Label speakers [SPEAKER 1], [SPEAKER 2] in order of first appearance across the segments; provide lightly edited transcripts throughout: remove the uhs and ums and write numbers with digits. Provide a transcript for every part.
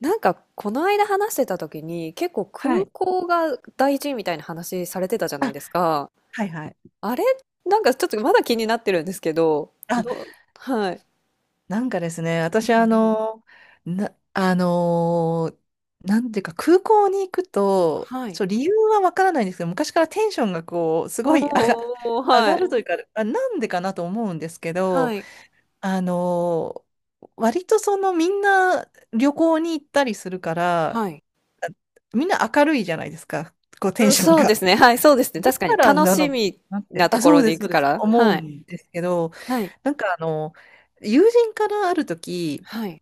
[SPEAKER 1] なんか、この間話してた時に、結構
[SPEAKER 2] は
[SPEAKER 1] 空
[SPEAKER 2] い。
[SPEAKER 1] 港が大事みたいな話されてたじゃない
[SPEAKER 2] あ、
[SPEAKER 1] ですか。
[SPEAKER 2] はいはい。
[SPEAKER 1] あれなんかちょっとまだ気になってるんですけど、
[SPEAKER 2] あ、
[SPEAKER 1] どう、はい。
[SPEAKER 2] ですね、
[SPEAKER 1] うんう
[SPEAKER 2] 私あ
[SPEAKER 1] ん。
[SPEAKER 2] の、な、あのなんていうか空港に行くと、
[SPEAKER 1] はい。
[SPEAKER 2] そう、理由はわからないんですけど、昔からテンションがこう、すごい
[SPEAKER 1] おー、
[SPEAKER 2] 上
[SPEAKER 1] は
[SPEAKER 2] がる
[SPEAKER 1] い。
[SPEAKER 2] というか、あ、なんでかなと思うんですけ
[SPEAKER 1] は
[SPEAKER 2] ど、
[SPEAKER 1] い。
[SPEAKER 2] あの割とそのみんな旅行に行ったりするから、
[SPEAKER 1] はい。
[SPEAKER 2] みんな明るいじゃないですか、こうテ
[SPEAKER 1] う
[SPEAKER 2] ン
[SPEAKER 1] ん、
[SPEAKER 2] ション
[SPEAKER 1] そう
[SPEAKER 2] が。
[SPEAKER 1] ですね。はい、そうですね。確か
[SPEAKER 2] か
[SPEAKER 1] に。
[SPEAKER 2] ら
[SPEAKER 1] 楽
[SPEAKER 2] な
[SPEAKER 1] し
[SPEAKER 2] のか
[SPEAKER 1] み
[SPEAKER 2] なって、
[SPEAKER 1] なと
[SPEAKER 2] あ、
[SPEAKER 1] こ
[SPEAKER 2] そ
[SPEAKER 1] ろ
[SPEAKER 2] う
[SPEAKER 1] に
[SPEAKER 2] です、
[SPEAKER 1] 行
[SPEAKER 2] そ
[SPEAKER 1] く
[SPEAKER 2] うで
[SPEAKER 1] か
[SPEAKER 2] す、
[SPEAKER 1] ら。
[SPEAKER 2] 思う
[SPEAKER 1] はい。
[SPEAKER 2] んですけど、
[SPEAKER 1] はい。
[SPEAKER 2] なんかあの、友人からある時、
[SPEAKER 1] はい。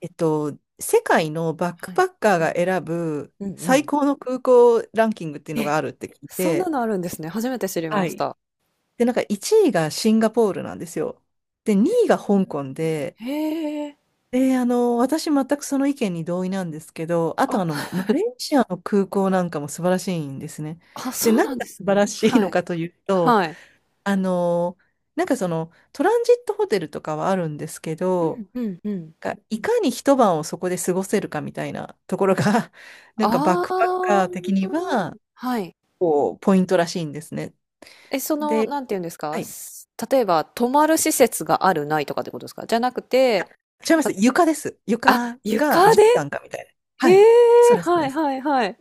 [SPEAKER 2] えっと、世界のバック
[SPEAKER 1] は
[SPEAKER 2] パ
[SPEAKER 1] い。
[SPEAKER 2] ッカーが選ぶ
[SPEAKER 1] うんう
[SPEAKER 2] 最
[SPEAKER 1] ん。
[SPEAKER 2] 高の空港ランキングっていうの
[SPEAKER 1] え、
[SPEAKER 2] があるって聞い
[SPEAKER 1] そんな
[SPEAKER 2] て、
[SPEAKER 1] のあるんですね。初めて知り
[SPEAKER 2] は
[SPEAKER 1] まし
[SPEAKER 2] い。
[SPEAKER 1] た。
[SPEAKER 2] で、なんか1位がシンガポールなんですよ。で、2位が香港で、
[SPEAKER 1] へえ。
[SPEAKER 2] で、あの、私全くその意見に同意なんですけど、あとあ
[SPEAKER 1] あ、
[SPEAKER 2] の、マレーシアの空港なんかも素晴らしいんですね。
[SPEAKER 1] あ、
[SPEAKER 2] で、
[SPEAKER 1] そう
[SPEAKER 2] 何
[SPEAKER 1] なんで
[SPEAKER 2] が
[SPEAKER 1] す
[SPEAKER 2] 素晴
[SPEAKER 1] ね。
[SPEAKER 2] らしい
[SPEAKER 1] は
[SPEAKER 2] の
[SPEAKER 1] い。
[SPEAKER 2] かというと、
[SPEAKER 1] はい。
[SPEAKER 2] なんかそのトランジットホテルとかはあるんですけ
[SPEAKER 1] う
[SPEAKER 2] ど、
[SPEAKER 1] んうんうん。
[SPEAKER 2] がいかに一晩をそこで過ごせるかみたいなところが、なんかバッ
[SPEAKER 1] あ
[SPEAKER 2] クパッ
[SPEAKER 1] あ、
[SPEAKER 2] カー的には、
[SPEAKER 1] はい。
[SPEAKER 2] こう、ポイントらしいんですね。
[SPEAKER 1] え、その、
[SPEAKER 2] で、
[SPEAKER 1] なんていうんです
[SPEAKER 2] は
[SPEAKER 1] か、
[SPEAKER 2] い。
[SPEAKER 1] 例えば、泊まる施設がある、ないとかってことですかじゃなくて、
[SPEAKER 2] 違いま
[SPEAKER 1] た、
[SPEAKER 2] す。床です。床
[SPEAKER 1] あ、
[SPEAKER 2] が
[SPEAKER 1] 床
[SPEAKER 2] 絨
[SPEAKER 1] で
[SPEAKER 2] 毯かみたいな。
[SPEAKER 1] へ
[SPEAKER 2] はい。そ
[SPEAKER 1] え、
[SPEAKER 2] うです、そう
[SPEAKER 1] は
[SPEAKER 2] で
[SPEAKER 1] い
[SPEAKER 2] す。
[SPEAKER 1] はいはい。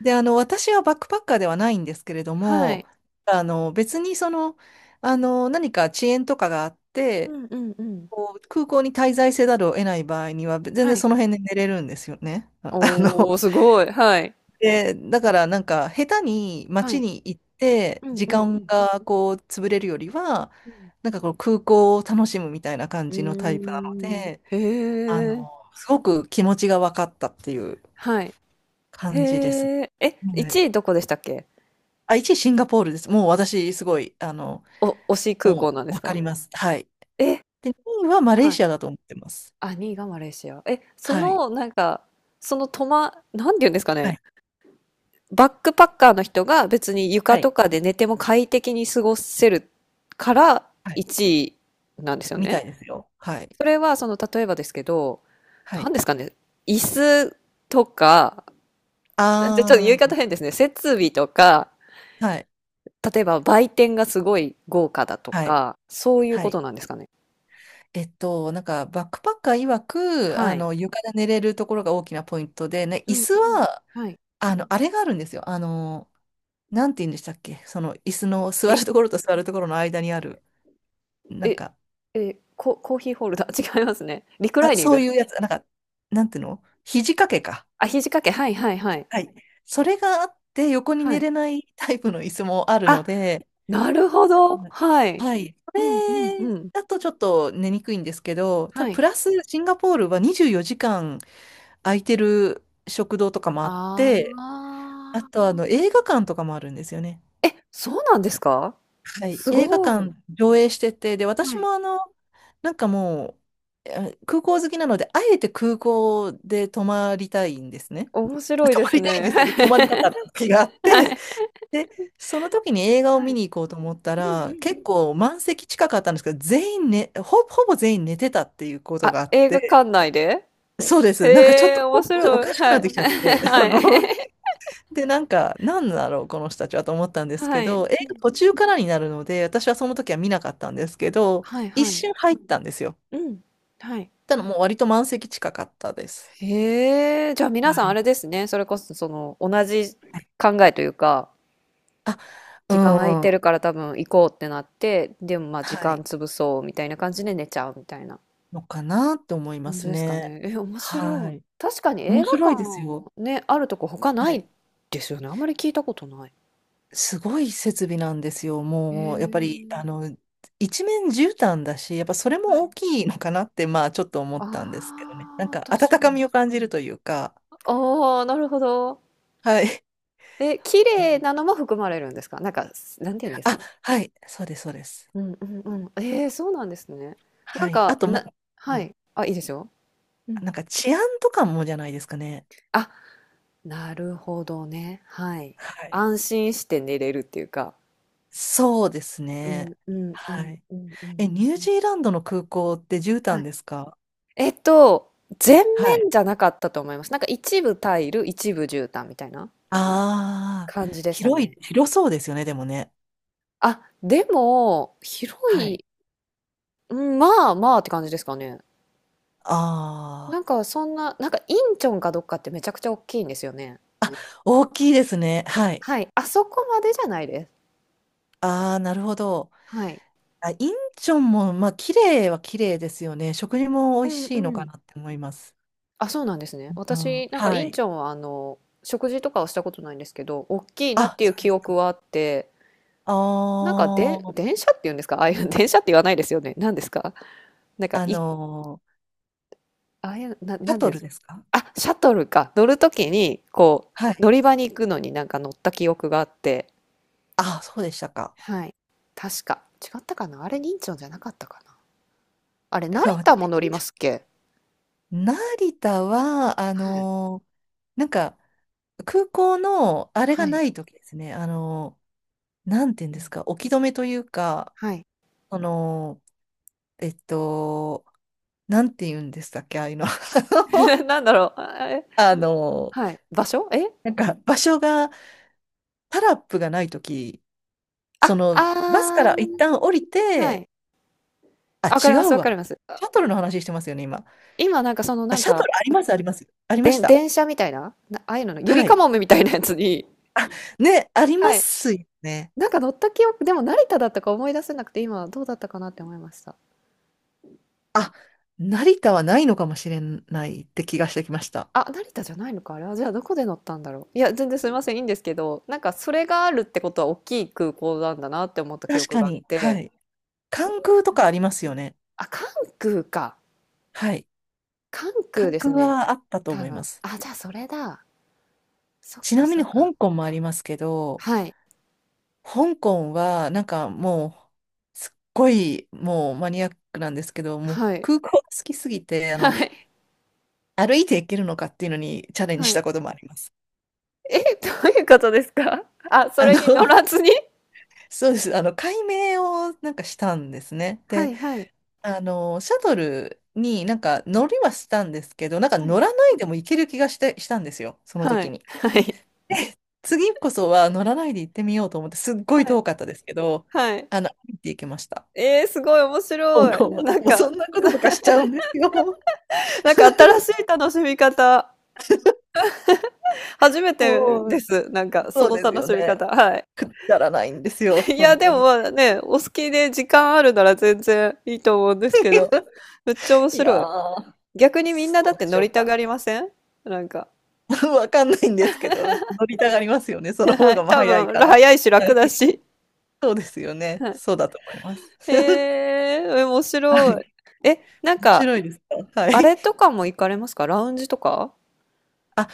[SPEAKER 2] で、あの、私はバックパッカーではないんですけれど
[SPEAKER 1] は
[SPEAKER 2] も、
[SPEAKER 1] い。
[SPEAKER 2] あの、別にその、あの、何か遅延とかがあっ
[SPEAKER 1] う
[SPEAKER 2] て、
[SPEAKER 1] んうんうん。
[SPEAKER 2] こう空港に滞在せざるを得ない場合には、全
[SPEAKER 1] は
[SPEAKER 2] 然
[SPEAKER 1] い。
[SPEAKER 2] その辺で寝れるんですよね。あ あ
[SPEAKER 1] おー、
[SPEAKER 2] の、
[SPEAKER 1] すごい。はい。
[SPEAKER 2] で、だからなんか、下手に
[SPEAKER 1] は
[SPEAKER 2] 街
[SPEAKER 1] い。
[SPEAKER 2] に行って、
[SPEAKER 1] うん
[SPEAKER 2] 時
[SPEAKER 1] うん
[SPEAKER 2] 間がこう、潰れるよりは、
[SPEAKER 1] うん。
[SPEAKER 2] なんかこの空港を楽しむみたいな感
[SPEAKER 1] う
[SPEAKER 2] じのタイプなの
[SPEAKER 1] ん。うーん。
[SPEAKER 2] で、あ
[SPEAKER 1] へえ、
[SPEAKER 2] の、すごく気持ちが分かったっていう
[SPEAKER 1] はい。へ
[SPEAKER 2] 感じですね。
[SPEAKER 1] え、え、
[SPEAKER 2] は
[SPEAKER 1] 1
[SPEAKER 2] い。
[SPEAKER 1] 位どこでしたっけ？
[SPEAKER 2] あ、1位シンガポールです。もう私、すごい、あの、
[SPEAKER 1] お、推し空港な
[SPEAKER 2] も
[SPEAKER 1] んで
[SPEAKER 2] う
[SPEAKER 1] す
[SPEAKER 2] 分か
[SPEAKER 1] か？
[SPEAKER 2] ります。はい。
[SPEAKER 1] え、
[SPEAKER 2] で、2位はマレー
[SPEAKER 1] はい。
[SPEAKER 2] シアだと思ってます。
[SPEAKER 1] あ、2位がマレーシア。え、そ
[SPEAKER 2] はい。
[SPEAKER 1] の、なんか、そのトま、なんて言うんですか
[SPEAKER 2] は
[SPEAKER 1] ね。
[SPEAKER 2] い。
[SPEAKER 1] バックパッカーの人が別に床
[SPEAKER 2] は
[SPEAKER 1] と
[SPEAKER 2] い。
[SPEAKER 1] かで寝ても快適に過ごせるから
[SPEAKER 2] はい、
[SPEAKER 1] 1位なんですよ
[SPEAKER 2] み
[SPEAKER 1] ね。
[SPEAKER 2] たいですよ。はい。
[SPEAKER 1] それは、その、例えばですけど、
[SPEAKER 2] は
[SPEAKER 1] な
[SPEAKER 2] い。
[SPEAKER 1] んですかね。椅子とか、ちょっと言い方
[SPEAKER 2] あ
[SPEAKER 1] 変ですね。設備とか、
[SPEAKER 2] あ、はい。
[SPEAKER 1] 例えば売店がすごい豪華だと
[SPEAKER 2] はい。
[SPEAKER 1] か、そういう
[SPEAKER 2] は
[SPEAKER 1] こ
[SPEAKER 2] い。
[SPEAKER 1] となんですかね。
[SPEAKER 2] えっと、なんか、バックパッカー曰く、
[SPEAKER 1] は
[SPEAKER 2] あ
[SPEAKER 1] い。
[SPEAKER 2] の、床で寝れるところが大きなポイントで、ね、
[SPEAKER 1] う
[SPEAKER 2] 椅
[SPEAKER 1] ん
[SPEAKER 2] 子
[SPEAKER 1] うん。
[SPEAKER 2] は、
[SPEAKER 1] はい。
[SPEAKER 2] あの、あれがあるんですよ。あの、なんて言うんでしたっけ、その、椅子の座
[SPEAKER 1] り
[SPEAKER 2] るところと座るところの間にある、なん
[SPEAKER 1] え、
[SPEAKER 2] か、
[SPEAKER 1] え、コーヒーホルダー、違いますね。リクラ
[SPEAKER 2] あ、
[SPEAKER 1] イニン
[SPEAKER 2] そ
[SPEAKER 1] グ？
[SPEAKER 2] ういうやつ、なんか、なんていうの、肘掛けか。
[SPEAKER 1] あ、肘掛け、はいはいはい。
[SPEAKER 2] はい。それがあって、横に
[SPEAKER 1] は
[SPEAKER 2] 寝
[SPEAKER 1] い。
[SPEAKER 2] れないタイプの椅子もあるの
[SPEAKER 1] あ、
[SPEAKER 2] で、
[SPEAKER 1] なるほど、
[SPEAKER 2] はい。
[SPEAKER 1] はい。
[SPEAKER 2] はい、そ
[SPEAKER 1] うんうんう
[SPEAKER 2] れ
[SPEAKER 1] ん。
[SPEAKER 2] だとちょっと寝にくいんですけど、た
[SPEAKER 1] は
[SPEAKER 2] だプ
[SPEAKER 1] い。
[SPEAKER 2] ラスシンガポールは24時間空いてる食堂とかもあっ
[SPEAKER 1] あ
[SPEAKER 2] て、あ
[SPEAKER 1] あ。
[SPEAKER 2] とあの映画館とかもあるんですよね。
[SPEAKER 1] え、そうなんですか？
[SPEAKER 2] はい。
[SPEAKER 1] す
[SPEAKER 2] 映画
[SPEAKER 1] ごい。
[SPEAKER 2] 館上映してて、で、
[SPEAKER 1] は
[SPEAKER 2] 私
[SPEAKER 1] い。
[SPEAKER 2] もあの、なんかもう、空港好きなので、あえて空港で泊まりたいんですね。
[SPEAKER 1] 面白い
[SPEAKER 2] 泊
[SPEAKER 1] で
[SPEAKER 2] ま
[SPEAKER 1] す
[SPEAKER 2] りたいんで
[SPEAKER 1] ね。
[SPEAKER 2] すよね。泊まりたかった 時があって、で、その時に映画を
[SPEAKER 1] は
[SPEAKER 2] 見
[SPEAKER 1] い。
[SPEAKER 2] に行こうと思った
[SPEAKER 1] うんうんう
[SPEAKER 2] ら、結
[SPEAKER 1] ん。
[SPEAKER 2] 構満席近かったんですけど、全員ね、ほぼ全員寝てたっていうことが
[SPEAKER 1] あ、
[SPEAKER 2] あっ
[SPEAKER 1] 映画
[SPEAKER 2] て、
[SPEAKER 1] 館内で？
[SPEAKER 2] そうです。なんかちょっ
[SPEAKER 1] へえ、
[SPEAKER 2] と
[SPEAKER 1] 面
[SPEAKER 2] お
[SPEAKER 1] 白
[SPEAKER 2] か
[SPEAKER 1] い。
[SPEAKER 2] しく
[SPEAKER 1] は
[SPEAKER 2] なっ
[SPEAKER 1] い。
[SPEAKER 2] てきちゃっ て、あ
[SPEAKER 1] は
[SPEAKER 2] の、
[SPEAKER 1] い。
[SPEAKER 2] で、なんか、なんだろう、この人たちはと思ったん です
[SPEAKER 1] は
[SPEAKER 2] け
[SPEAKER 1] い。う
[SPEAKER 2] ど、映画
[SPEAKER 1] ん。
[SPEAKER 2] 途中からになるので、私はその時は見なかったんですけど、
[SPEAKER 1] はい
[SPEAKER 2] 一
[SPEAKER 1] はい。
[SPEAKER 2] 瞬入ったんですよ。
[SPEAKER 1] うん。はい。
[SPEAKER 2] ただもう割と満席近かったです。
[SPEAKER 1] へえ、じゃあ皆さんあれですね。それこそその同じ
[SPEAKER 2] はい、
[SPEAKER 1] 考えというか、
[SPEAKER 2] あ、う
[SPEAKER 1] 時間空いて
[SPEAKER 2] ん、
[SPEAKER 1] るから多分行こうってなって、でもまあ時
[SPEAKER 2] は
[SPEAKER 1] 間
[SPEAKER 2] い。
[SPEAKER 1] 潰そうみたいな感じで寝ちゃうみたいな
[SPEAKER 2] のかなって思いま
[SPEAKER 1] 感じ
[SPEAKER 2] す
[SPEAKER 1] ですか
[SPEAKER 2] ね。
[SPEAKER 1] ね。え、面
[SPEAKER 2] は
[SPEAKER 1] 白い。
[SPEAKER 2] い。
[SPEAKER 1] 確かに
[SPEAKER 2] 面
[SPEAKER 1] 映画
[SPEAKER 2] 白い
[SPEAKER 1] 館
[SPEAKER 2] ですよ。
[SPEAKER 1] ね、あるとこ他な
[SPEAKER 2] は
[SPEAKER 1] い
[SPEAKER 2] い。
[SPEAKER 1] ですよね。あんまり聞いたことない。
[SPEAKER 2] すごい設備なんですよ。
[SPEAKER 1] へ
[SPEAKER 2] もう、やっぱり、
[SPEAKER 1] え、
[SPEAKER 2] あの、一面絨毯だし、やっぱそれ
[SPEAKER 1] は
[SPEAKER 2] も大
[SPEAKER 1] い。
[SPEAKER 2] きいのかなって、まあ、ちょっと思
[SPEAKER 1] あ
[SPEAKER 2] ったんですけどね。なん
[SPEAKER 1] あ、
[SPEAKER 2] か、
[SPEAKER 1] 確
[SPEAKER 2] 温
[SPEAKER 1] か
[SPEAKER 2] か
[SPEAKER 1] に。
[SPEAKER 2] みを感じるというか、
[SPEAKER 1] ああ、なるほど。
[SPEAKER 2] はい。
[SPEAKER 1] え、綺
[SPEAKER 2] う
[SPEAKER 1] 麗
[SPEAKER 2] ん、
[SPEAKER 1] なのも含まれるんですか？なんか、なんて言うんですか
[SPEAKER 2] あ、
[SPEAKER 1] ね。
[SPEAKER 2] はい、そうです、そうです。
[SPEAKER 1] うんうんうん。ええ、そうなんですね。なん
[SPEAKER 2] はい。あ
[SPEAKER 1] か、
[SPEAKER 2] と、ま、う
[SPEAKER 1] は
[SPEAKER 2] ん、
[SPEAKER 1] い。あ、いいですよ。うん。
[SPEAKER 2] なんか治安とかもじゃないですかね。
[SPEAKER 1] あ、なるほどね。はい。
[SPEAKER 2] はい。
[SPEAKER 1] 安心して寝れるっていうか。
[SPEAKER 2] そうです
[SPEAKER 1] うん
[SPEAKER 2] ね。
[SPEAKER 1] うんう
[SPEAKER 2] は
[SPEAKER 1] ん
[SPEAKER 2] い。
[SPEAKER 1] うんうん。
[SPEAKER 2] え、ニュージーランドの空港って絨
[SPEAKER 1] は
[SPEAKER 2] 毯
[SPEAKER 1] い。
[SPEAKER 2] ですか？
[SPEAKER 1] えっと、全
[SPEAKER 2] はい。
[SPEAKER 1] 面じゃなかったと思います。なんか一部タイル、一部絨毯みたいな
[SPEAKER 2] ああ、
[SPEAKER 1] 感じでした
[SPEAKER 2] 広い、
[SPEAKER 1] ね。
[SPEAKER 2] 広そうですよね、でもね。
[SPEAKER 1] あ、でも、
[SPEAKER 2] はい。
[SPEAKER 1] うん、まあまあって感じですかね。な
[SPEAKER 2] ああ。
[SPEAKER 1] んかそんな、なんかインチョンかどっかってめちゃくちゃ大きいんですよね。
[SPEAKER 2] 大きいですね。はい。
[SPEAKER 1] はい。あそこまでじゃないです。
[SPEAKER 2] ああ、なるほど。
[SPEAKER 1] はい。
[SPEAKER 2] あ、インチョンも、まあ、綺麗は綺麗ですよね。食事も美
[SPEAKER 1] う
[SPEAKER 2] 味
[SPEAKER 1] ん
[SPEAKER 2] し
[SPEAKER 1] う
[SPEAKER 2] いのか
[SPEAKER 1] ん。
[SPEAKER 2] なって思います。
[SPEAKER 1] あ、そうなんですね。
[SPEAKER 2] うん、
[SPEAKER 1] 私、なんか
[SPEAKER 2] は
[SPEAKER 1] インチ
[SPEAKER 2] い。
[SPEAKER 1] ョンは食事とかはしたことないんですけど、大きいなっ
[SPEAKER 2] あ、
[SPEAKER 1] ていう
[SPEAKER 2] そうで
[SPEAKER 1] 記
[SPEAKER 2] すか。
[SPEAKER 1] 憶はあって、なん
[SPEAKER 2] あ
[SPEAKER 1] かで、
[SPEAKER 2] あ、
[SPEAKER 1] 電車っていうんですか？ ああいう、電車って言わないですよね。何ですか？なんか、
[SPEAKER 2] あの
[SPEAKER 1] ああいう、な
[SPEAKER 2] ー、シャ
[SPEAKER 1] んてい
[SPEAKER 2] ト
[SPEAKER 1] うんで
[SPEAKER 2] ル
[SPEAKER 1] す
[SPEAKER 2] で
[SPEAKER 1] か？
[SPEAKER 2] すか？
[SPEAKER 1] あ、シャトルか。乗るときに、こ
[SPEAKER 2] はい。
[SPEAKER 1] う、乗り場に行くのになんか乗った記憶があって。
[SPEAKER 2] あ、そうでしたか。
[SPEAKER 1] はい。確か。違ったかな。あれ、インチョンじゃなかったかな。あれ、
[SPEAKER 2] だ
[SPEAKER 1] 成
[SPEAKER 2] から
[SPEAKER 1] 田も
[SPEAKER 2] 私、
[SPEAKER 1] 乗りますっけ？
[SPEAKER 2] 成田は、あ
[SPEAKER 1] はい。
[SPEAKER 2] のー、なんか、空港の、あれが
[SPEAKER 1] は
[SPEAKER 2] な
[SPEAKER 1] い。
[SPEAKER 2] い時ですね。あのー、なんていうん
[SPEAKER 1] う
[SPEAKER 2] です
[SPEAKER 1] ん
[SPEAKER 2] か、置き止めというか、
[SPEAKER 1] はい。
[SPEAKER 2] その、えっと、なんて言うんでしたっけ、ああいうの。
[SPEAKER 1] なんだろう。
[SPEAKER 2] あの、
[SPEAKER 1] はい。場所
[SPEAKER 2] なんか場所が、タラップがないとき、
[SPEAKER 1] あ、
[SPEAKER 2] その、バスか
[SPEAKER 1] あ
[SPEAKER 2] ら一
[SPEAKER 1] あ、
[SPEAKER 2] 旦降り
[SPEAKER 1] は
[SPEAKER 2] て、
[SPEAKER 1] い。
[SPEAKER 2] あ、
[SPEAKER 1] あ、分か
[SPEAKER 2] 違
[SPEAKER 1] ります
[SPEAKER 2] う
[SPEAKER 1] 分か
[SPEAKER 2] わ。
[SPEAKER 1] ります。あ、
[SPEAKER 2] シャトルの話してますよね、今。
[SPEAKER 1] 今なんかその
[SPEAKER 2] あ、
[SPEAKER 1] なん
[SPEAKER 2] シャト
[SPEAKER 1] か、
[SPEAKER 2] ルあります、あります。ありまし
[SPEAKER 1] で
[SPEAKER 2] た。
[SPEAKER 1] 電車みたいな、ああいうのの、ゆり
[SPEAKER 2] は
[SPEAKER 1] か
[SPEAKER 2] い。
[SPEAKER 1] もめみたいなやつに
[SPEAKER 2] ね、ありま
[SPEAKER 1] はい。
[SPEAKER 2] すよね。
[SPEAKER 1] なんか乗った記憶でも成田だったか思い出せなくて、今どうだったかなって思いました。
[SPEAKER 2] あ、成田はないのかもしれないって気がしてきました。
[SPEAKER 1] あ、成田じゃないのか、あれは。じゃあどこで乗ったんだろう。いや、全然すいません、いいんですけど、なんかそれがあるってことは大きい空港なんだなって思った記
[SPEAKER 2] 確
[SPEAKER 1] 憶
[SPEAKER 2] か
[SPEAKER 1] があっ
[SPEAKER 2] に、は
[SPEAKER 1] て。
[SPEAKER 2] い。関空とかありますよね。
[SPEAKER 1] あ、関空か。
[SPEAKER 2] はい。
[SPEAKER 1] 関空
[SPEAKER 2] 関
[SPEAKER 1] です
[SPEAKER 2] 空
[SPEAKER 1] ね、
[SPEAKER 2] はあったと
[SPEAKER 1] 多
[SPEAKER 2] 思いま
[SPEAKER 1] 分。
[SPEAKER 2] す。
[SPEAKER 1] あ、じゃあそれだ。そっ
[SPEAKER 2] ち
[SPEAKER 1] か
[SPEAKER 2] なみ
[SPEAKER 1] そ
[SPEAKER 2] に
[SPEAKER 1] っか。
[SPEAKER 2] 香港もありますけど、
[SPEAKER 1] はい、
[SPEAKER 2] 香港は、なんかもう、すっごい、もうマニアックなんですけど、もう
[SPEAKER 1] はい、
[SPEAKER 2] 空港が好きすぎて、あの、
[SPEAKER 1] はい。
[SPEAKER 2] 歩いて行けるのかっていうのにチャレンジ
[SPEAKER 1] は
[SPEAKER 2] し
[SPEAKER 1] い。
[SPEAKER 2] たこともあります。
[SPEAKER 1] え、どういうことですか？あ、そ
[SPEAKER 2] あの、
[SPEAKER 1] れ に乗らずに？
[SPEAKER 2] そうです。あの、改名をなんかしたんですね。
[SPEAKER 1] は
[SPEAKER 2] で、
[SPEAKER 1] いはい。
[SPEAKER 2] あの、シャトルになん
[SPEAKER 1] う
[SPEAKER 2] か
[SPEAKER 1] ん、
[SPEAKER 2] 乗りはしたんですけど、なんか
[SPEAKER 1] は
[SPEAKER 2] 乗
[SPEAKER 1] い。
[SPEAKER 2] らないでも行ける気がして、したんですよ。その
[SPEAKER 1] は
[SPEAKER 2] 時
[SPEAKER 1] い、
[SPEAKER 2] に。
[SPEAKER 1] はい、
[SPEAKER 2] 次こそは乗らないで行ってみようと思って、すっごい
[SPEAKER 1] はい、
[SPEAKER 2] 遠かったですけど、あの、歩いて行けました。
[SPEAKER 1] すごい面
[SPEAKER 2] 香
[SPEAKER 1] 白い。
[SPEAKER 2] 港は。
[SPEAKER 1] なん
[SPEAKER 2] もうそ
[SPEAKER 1] か、
[SPEAKER 2] んなこととかしちゃうんですよ。
[SPEAKER 1] なんか新しい楽しみ方、初めて
[SPEAKER 2] も
[SPEAKER 1] で
[SPEAKER 2] う、
[SPEAKER 1] す。なんかそ
[SPEAKER 2] そう
[SPEAKER 1] の
[SPEAKER 2] です
[SPEAKER 1] 楽
[SPEAKER 2] よ
[SPEAKER 1] しみ
[SPEAKER 2] ね。
[SPEAKER 1] 方、はい。
[SPEAKER 2] くだらないんですよ、
[SPEAKER 1] いや、
[SPEAKER 2] 本
[SPEAKER 1] で
[SPEAKER 2] 当
[SPEAKER 1] も、
[SPEAKER 2] に。
[SPEAKER 1] ま、ね、お好きで時間あるなら全然いいと思うんですけど、めっちゃ 面
[SPEAKER 2] いや
[SPEAKER 1] 白い。
[SPEAKER 2] ー、
[SPEAKER 1] 逆にみん
[SPEAKER 2] そ
[SPEAKER 1] なだっ
[SPEAKER 2] うで
[SPEAKER 1] て
[SPEAKER 2] し
[SPEAKER 1] 乗
[SPEAKER 2] ょう
[SPEAKER 1] りた
[SPEAKER 2] か。
[SPEAKER 1] がりません？なんか、
[SPEAKER 2] わかんないんですけど、乗りたがりますよね。その
[SPEAKER 1] は
[SPEAKER 2] 方
[SPEAKER 1] い、
[SPEAKER 2] がまあ
[SPEAKER 1] 多
[SPEAKER 2] 早い
[SPEAKER 1] 分、
[SPEAKER 2] から。
[SPEAKER 1] 早いし
[SPEAKER 2] は
[SPEAKER 1] 楽だ
[SPEAKER 2] い、
[SPEAKER 1] し、
[SPEAKER 2] そうですよね。
[SPEAKER 1] はい。
[SPEAKER 2] そうだと思います。
[SPEAKER 1] へえ、面
[SPEAKER 2] は
[SPEAKER 1] 白い。
[SPEAKER 2] い。
[SPEAKER 1] え、なん
[SPEAKER 2] 面
[SPEAKER 1] か、
[SPEAKER 2] 白いですか。はい。
[SPEAKER 1] あれとかも行かれますかラウンジとか？
[SPEAKER 2] あ、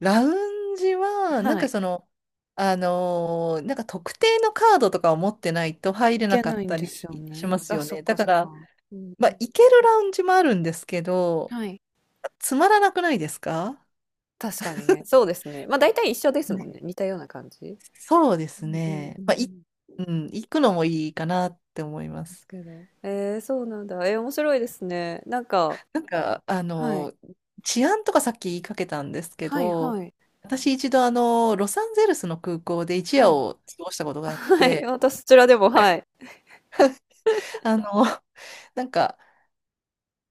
[SPEAKER 2] ラウンジは、なん
[SPEAKER 1] は
[SPEAKER 2] か
[SPEAKER 1] い。
[SPEAKER 2] その、なんか特定のカードとかを持ってないと入
[SPEAKER 1] 行
[SPEAKER 2] れな
[SPEAKER 1] け
[SPEAKER 2] か
[SPEAKER 1] な
[SPEAKER 2] っ
[SPEAKER 1] いん
[SPEAKER 2] た
[SPEAKER 1] で
[SPEAKER 2] り
[SPEAKER 1] すよ
[SPEAKER 2] し
[SPEAKER 1] ね。
[SPEAKER 2] ます
[SPEAKER 1] あ、
[SPEAKER 2] よ
[SPEAKER 1] そっ
[SPEAKER 2] ね。だ
[SPEAKER 1] か
[SPEAKER 2] か
[SPEAKER 1] そっ
[SPEAKER 2] ら、
[SPEAKER 1] か。うん
[SPEAKER 2] まあ、
[SPEAKER 1] うん。
[SPEAKER 2] 行けるラウンジもあるんですけど、
[SPEAKER 1] はい。
[SPEAKER 2] つまらなくないですか？
[SPEAKER 1] 確かにね。そうですね。まあ大体一緒です
[SPEAKER 2] は
[SPEAKER 1] もん
[SPEAKER 2] い、
[SPEAKER 1] ね。似たような感じ。
[SPEAKER 2] そうです
[SPEAKER 1] うんうんう
[SPEAKER 2] ね。
[SPEAKER 1] んうん。
[SPEAKER 2] うん、行くのもいいかなって思いま
[SPEAKER 1] です
[SPEAKER 2] す。
[SPEAKER 1] けど。そうなんだ。面白いですね。なんか、
[SPEAKER 2] なんか、あ
[SPEAKER 1] はい。
[SPEAKER 2] の、治安とかさっき言いかけたんですけ
[SPEAKER 1] はい
[SPEAKER 2] ど、
[SPEAKER 1] はい。
[SPEAKER 2] 私一度あの、ロサンゼルスの空港で一
[SPEAKER 1] は
[SPEAKER 2] 夜
[SPEAKER 1] い。
[SPEAKER 2] を過ごしたことがあっ
[SPEAKER 1] はい。
[SPEAKER 2] て、
[SPEAKER 1] 私、そちらでも、はい。
[SPEAKER 2] あの、なんか、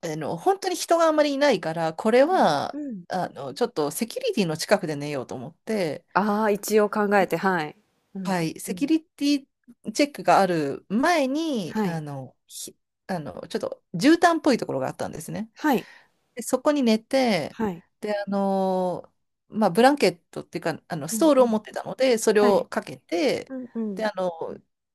[SPEAKER 2] あの、本当に人があんまりいないから、これ
[SPEAKER 1] はい。
[SPEAKER 2] は、
[SPEAKER 1] うん。
[SPEAKER 2] あの、ちょっとセキュリティの近くで寝ようと思って、
[SPEAKER 1] ああ、一応考えて、はい。うんうん
[SPEAKER 2] はい、
[SPEAKER 1] う
[SPEAKER 2] セキュ
[SPEAKER 1] ん。
[SPEAKER 2] リティチェックがある前に、
[SPEAKER 1] はい。
[SPEAKER 2] あの、ちょっと絨毯っぽいところがあったんですね。
[SPEAKER 1] はい。
[SPEAKER 2] で、そこに寝て、
[SPEAKER 1] はい。
[SPEAKER 2] で、あの、まあ、ブランケットっていうか、あの、
[SPEAKER 1] う
[SPEAKER 2] ス
[SPEAKER 1] ん
[SPEAKER 2] トー
[SPEAKER 1] う
[SPEAKER 2] ルを
[SPEAKER 1] ん。
[SPEAKER 2] 持ってたので、それ
[SPEAKER 1] はい。
[SPEAKER 2] をかけて、
[SPEAKER 1] うんうん。
[SPEAKER 2] で、あの、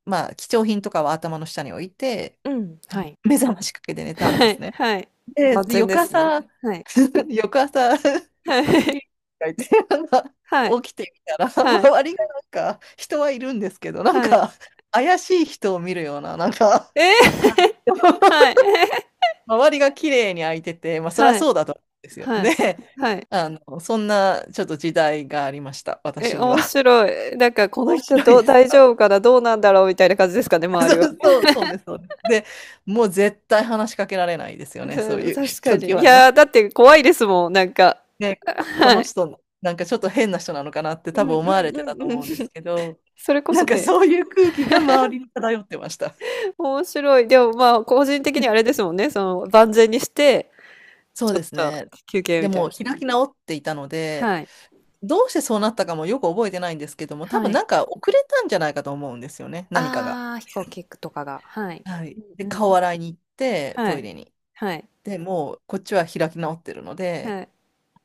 [SPEAKER 2] まあ、貴重品とかは頭の下に置いて、
[SPEAKER 1] うん、
[SPEAKER 2] あ
[SPEAKER 1] は
[SPEAKER 2] の
[SPEAKER 1] い。
[SPEAKER 2] 目覚ましかけて寝たんで
[SPEAKER 1] は
[SPEAKER 2] す
[SPEAKER 1] い、
[SPEAKER 2] ね。
[SPEAKER 1] はい。
[SPEAKER 2] で、
[SPEAKER 1] 万
[SPEAKER 2] で
[SPEAKER 1] 全
[SPEAKER 2] 翌
[SPEAKER 1] ですね。
[SPEAKER 2] 朝、
[SPEAKER 1] はい。
[SPEAKER 2] 翌朝
[SPEAKER 1] は
[SPEAKER 2] チ
[SPEAKER 1] い。
[SPEAKER 2] リがいて、なんか
[SPEAKER 1] はい。
[SPEAKER 2] 起きてみたら、
[SPEAKER 1] はい。
[SPEAKER 2] 周りがなんか人はいるんですけど、なん
[SPEAKER 1] はい。
[SPEAKER 2] か怪しい人を見るような、なんか
[SPEAKER 1] え
[SPEAKER 2] 感じ
[SPEAKER 1] え
[SPEAKER 2] で
[SPEAKER 1] はい。
[SPEAKER 2] 周りが綺麗に開いてて、まあそりゃ
[SPEAKER 1] はい。
[SPEAKER 2] そうだと思うんですよ。
[SPEAKER 1] はい。
[SPEAKER 2] で、
[SPEAKER 1] はい。
[SPEAKER 2] あの、そんなちょっと時代がありました、
[SPEAKER 1] え、
[SPEAKER 2] 私には。
[SPEAKER 1] 面白い。なんか、こ の
[SPEAKER 2] 面
[SPEAKER 1] 人
[SPEAKER 2] 白い
[SPEAKER 1] どう
[SPEAKER 2] です
[SPEAKER 1] 大
[SPEAKER 2] か？
[SPEAKER 1] 丈夫かな、どうなんだろうみたいな感じですかね、周りは。
[SPEAKER 2] そうそう、そうです、そうです。で、もう絶対話しかけられないです
[SPEAKER 1] う
[SPEAKER 2] よね、そう
[SPEAKER 1] ん、
[SPEAKER 2] いう
[SPEAKER 1] 確か
[SPEAKER 2] 時
[SPEAKER 1] に。い
[SPEAKER 2] は
[SPEAKER 1] やー、
[SPEAKER 2] ね。
[SPEAKER 1] だって怖いですもん、なんか。
[SPEAKER 2] ね、
[SPEAKER 1] あ、
[SPEAKER 2] ここ
[SPEAKER 1] は
[SPEAKER 2] の
[SPEAKER 1] い。
[SPEAKER 2] 人、なんかちょっと変な人なのかなって
[SPEAKER 1] う
[SPEAKER 2] 多
[SPEAKER 1] んう
[SPEAKER 2] 分
[SPEAKER 1] ん
[SPEAKER 2] 思わ
[SPEAKER 1] う
[SPEAKER 2] れてたと
[SPEAKER 1] んうん。
[SPEAKER 2] 思うんです けど、
[SPEAKER 1] それこ
[SPEAKER 2] な
[SPEAKER 1] そ
[SPEAKER 2] んか
[SPEAKER 1] ね、
[SPEAKER 2] そういう空気が周りに漂ってました。
[SPEAKER 1] 面白い。でも、まあ、個人的にあれですもんね、その、万全にして、
[SPEAKER 2] そう
[SPEAKER 1] ちょ
[SPEAKER 2] で
[SPEAKER 1] っ
[SPEAKER 2] す
[SPEAKER 1] と
[SPEAKER 2] ね。
[SPEAKER 1] 休憩
[SPEAKER 2] で
[SPEAKER 1] みたい
[SPEAKER 2] も
[SPEAKER 1] な。
[SPEAKER 2] 開き直っていたので、
[SPEAKER 1] はい。
[SPEAKER 2] どうしてそうなったかもよく覚えてないんですけども、多
[SPEAKER 1] は
[SPEAKER 2] 分な
[SPEAKER 1] い。
[SPEAKER 2] んか遅れたんじゃないかと思うんですよね、何かが。
[SPEAKER 1] ああ、飛行機とかが。はい。
[SPEAKER 2] はい。で、
[SPEAKER 1] うん。
[SPEAKER 2] 顔洗いに行って、
[SPEAKER 1] は
[SPEAKER 2] トイ
[SPEAKER 1] い。
[SPEAKER 2] レに。
[SPEAKER 1] はい。
[SPEAKER 2] で、もうこっちは開き直ってるので、
[SPEAKER 1] はい。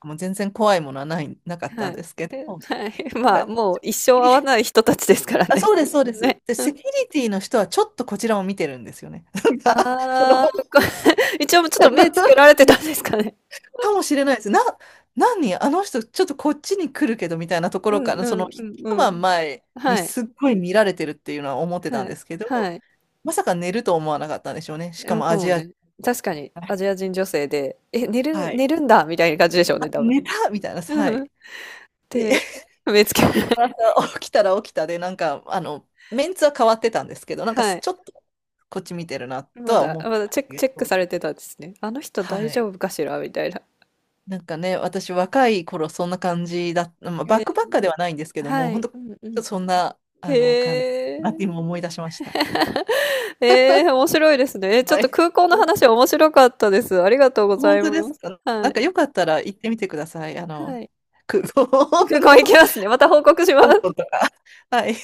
[SPEAKER 2] もう全然怖いものはない、なかった
[SPEAKER 1] は
[SPEAKER 2] んで
[SPEAKER 1] い。
[SPEAKER 2] すけ
[SPEAKER 1] え、
[SPEAKER 2] ど、
[SPEAKER 1] はい。まあ、もう一生会わない人たちですから
[SPEAKER 2] あ、
[SPEAKER 1] ね。
[SPEAKER 2] そうです、そうで
[SPEAKER 1] ね。
[SPEAKER 2] す。で、セキュリティの人はちょっとこちらを見てるんですよね。なんか、その
[SPEAKER 1] ああー一応ちょっと目つけ られてたんですかね。
[SPEAKER 2] かもしれないです。何あの人、ちょっとこっちに来るけどみたいなとこ
[SPEAKER 1] う
[SPEAKER 2] ろか
[SPEAKER 1] ん
[SPEAKER 2] ら、
[SPEAKER 1] う
[SPEAKER 2] その
[SPEAKER 1] ん
[SPEAKER 2] 一
[SPEAKER 1] うんうん。
[SPEAKER 2] 晩前に
[SPEAKER 1] はい。
[SPEAKER 2] すっごい見られてるっていうのは思ってた
[SPEAKER 1] は
[SPEAKER 2] ん
[SPEAKER 1] い。
[SPEAKER 2] ですけど、
[SPEAKER 1] はい。
[SPEAKER 2] まさか寝ると思わなかったんでしょうね。し
[SPEAKER 1] え、
[SPEAKER 2] か
[SPEAKER 1] 向
[SPEAKER 2] も
[SPEAKER 1] こ
[SPEAKER 2] ア
[SPEAKER 1] うも
[SPEAKER 2] ジア人。
[SPEAKER 1] ね、確かにアジア人女性で、え、寝る
[SPEAKER 2] は
[SPEAKER 1] ん
[SPEAKER 2] い。
[SPEAKER 1] 寝るんだみたいな感じでしょう
[SPEAKER 2] あ、
[SPEAKER 1] ね、多分。
[SPEAKER 2] 寝たみたいな、
[SPEAKER 1] うん
[SPEAKER 2] は
[SPEAKER 1] うん。
[SPEAKER 2] い。で、
[SPEAKER 1] で、目つけら
[SPEAKER 2] 夕
[SPEAKER 1] れ
[SPEAKER 2] 方起きたら起きたで、なんか、あの、メンツは変わってたんですけど、なんか
[SPEAKER 1] はい。
[SPEAKER 2] ちょっとこっち見てるなと
[SPEAKER 1] ま
[SPEAKER 2] は
[SPEAKER 1] だ、
[SPEAKER 2] 思っ
[SPEAKER 1] ま
[SPEAKER 2] て
[SPEAKER 1] だ
[SPEAKER 2] まし
[SPEAKER 1] チェッ
[SPEAKER 2] た
[SPEAKER 1] ク、
[SPEAKER 2] け
[SPEAKER 1] チェック
[SPEAKER 2] ど、
[SPEAKER 1] されてたんですね。あの人
[SPEAKER 2] は
[SPEAKER 1] 大丈
[SPEAKER 2] い。
[SPEAKER 1] 夫かしらみたいな。
[SPEAKER 2] なんかね、私若い頃そんな感じだ、まあ、
[SPEAKER 1] え
[SPEAKER 2] バッ
[SPEAKER 1] ー
[SPEAKER 2] クバッカーではないんですけど
[SPEAKER 1] は
[SPEAKER 2] も、本
[SPEAKER 1] い。うんうん。
[SPEAKER 2] 当そんなあの感じだ
[SPEAKER 1] へえ。
[SPEAKER 2] なって今思い出しました。
[SPEAKER 1] 面白いですね。ちょっ
[SPEAKER 2] は
[SPEAKER 1] と
[SPEAKER 2] い。
[SPEAKER 1] 空港の
[SPEAKER 2] ほ
[SPEAKER 1] 話面白かったです。ありがとうござ
[SPEAKER 2] 本
[SPEAKER 1] い
[SPEAKER 2] 当で
[SPEAKER 1] ま
[SPEAKER 2] す
[SPEAKER 1] す。
[SPEAKER 2] か。
[SPEAKER 1] は
[SPEAKER 2] なんかよ
[SPEAKER 1] い。
[SPEAKER 2] かったら行ってみてください。あの、
[SPEAKER 1] はい。
[SPEAKER 2] 空港
[SPEAKER 1] 空港
[SPEAKER 2] の
[SPEAKER 1] 行き
[SPEAKER 2] 香
[SPEAKER 1] ますね。また報告しま
[SPEAKER 2] 港
[SPEAKER 1] す。
[SPEAKER 2] とか。はい。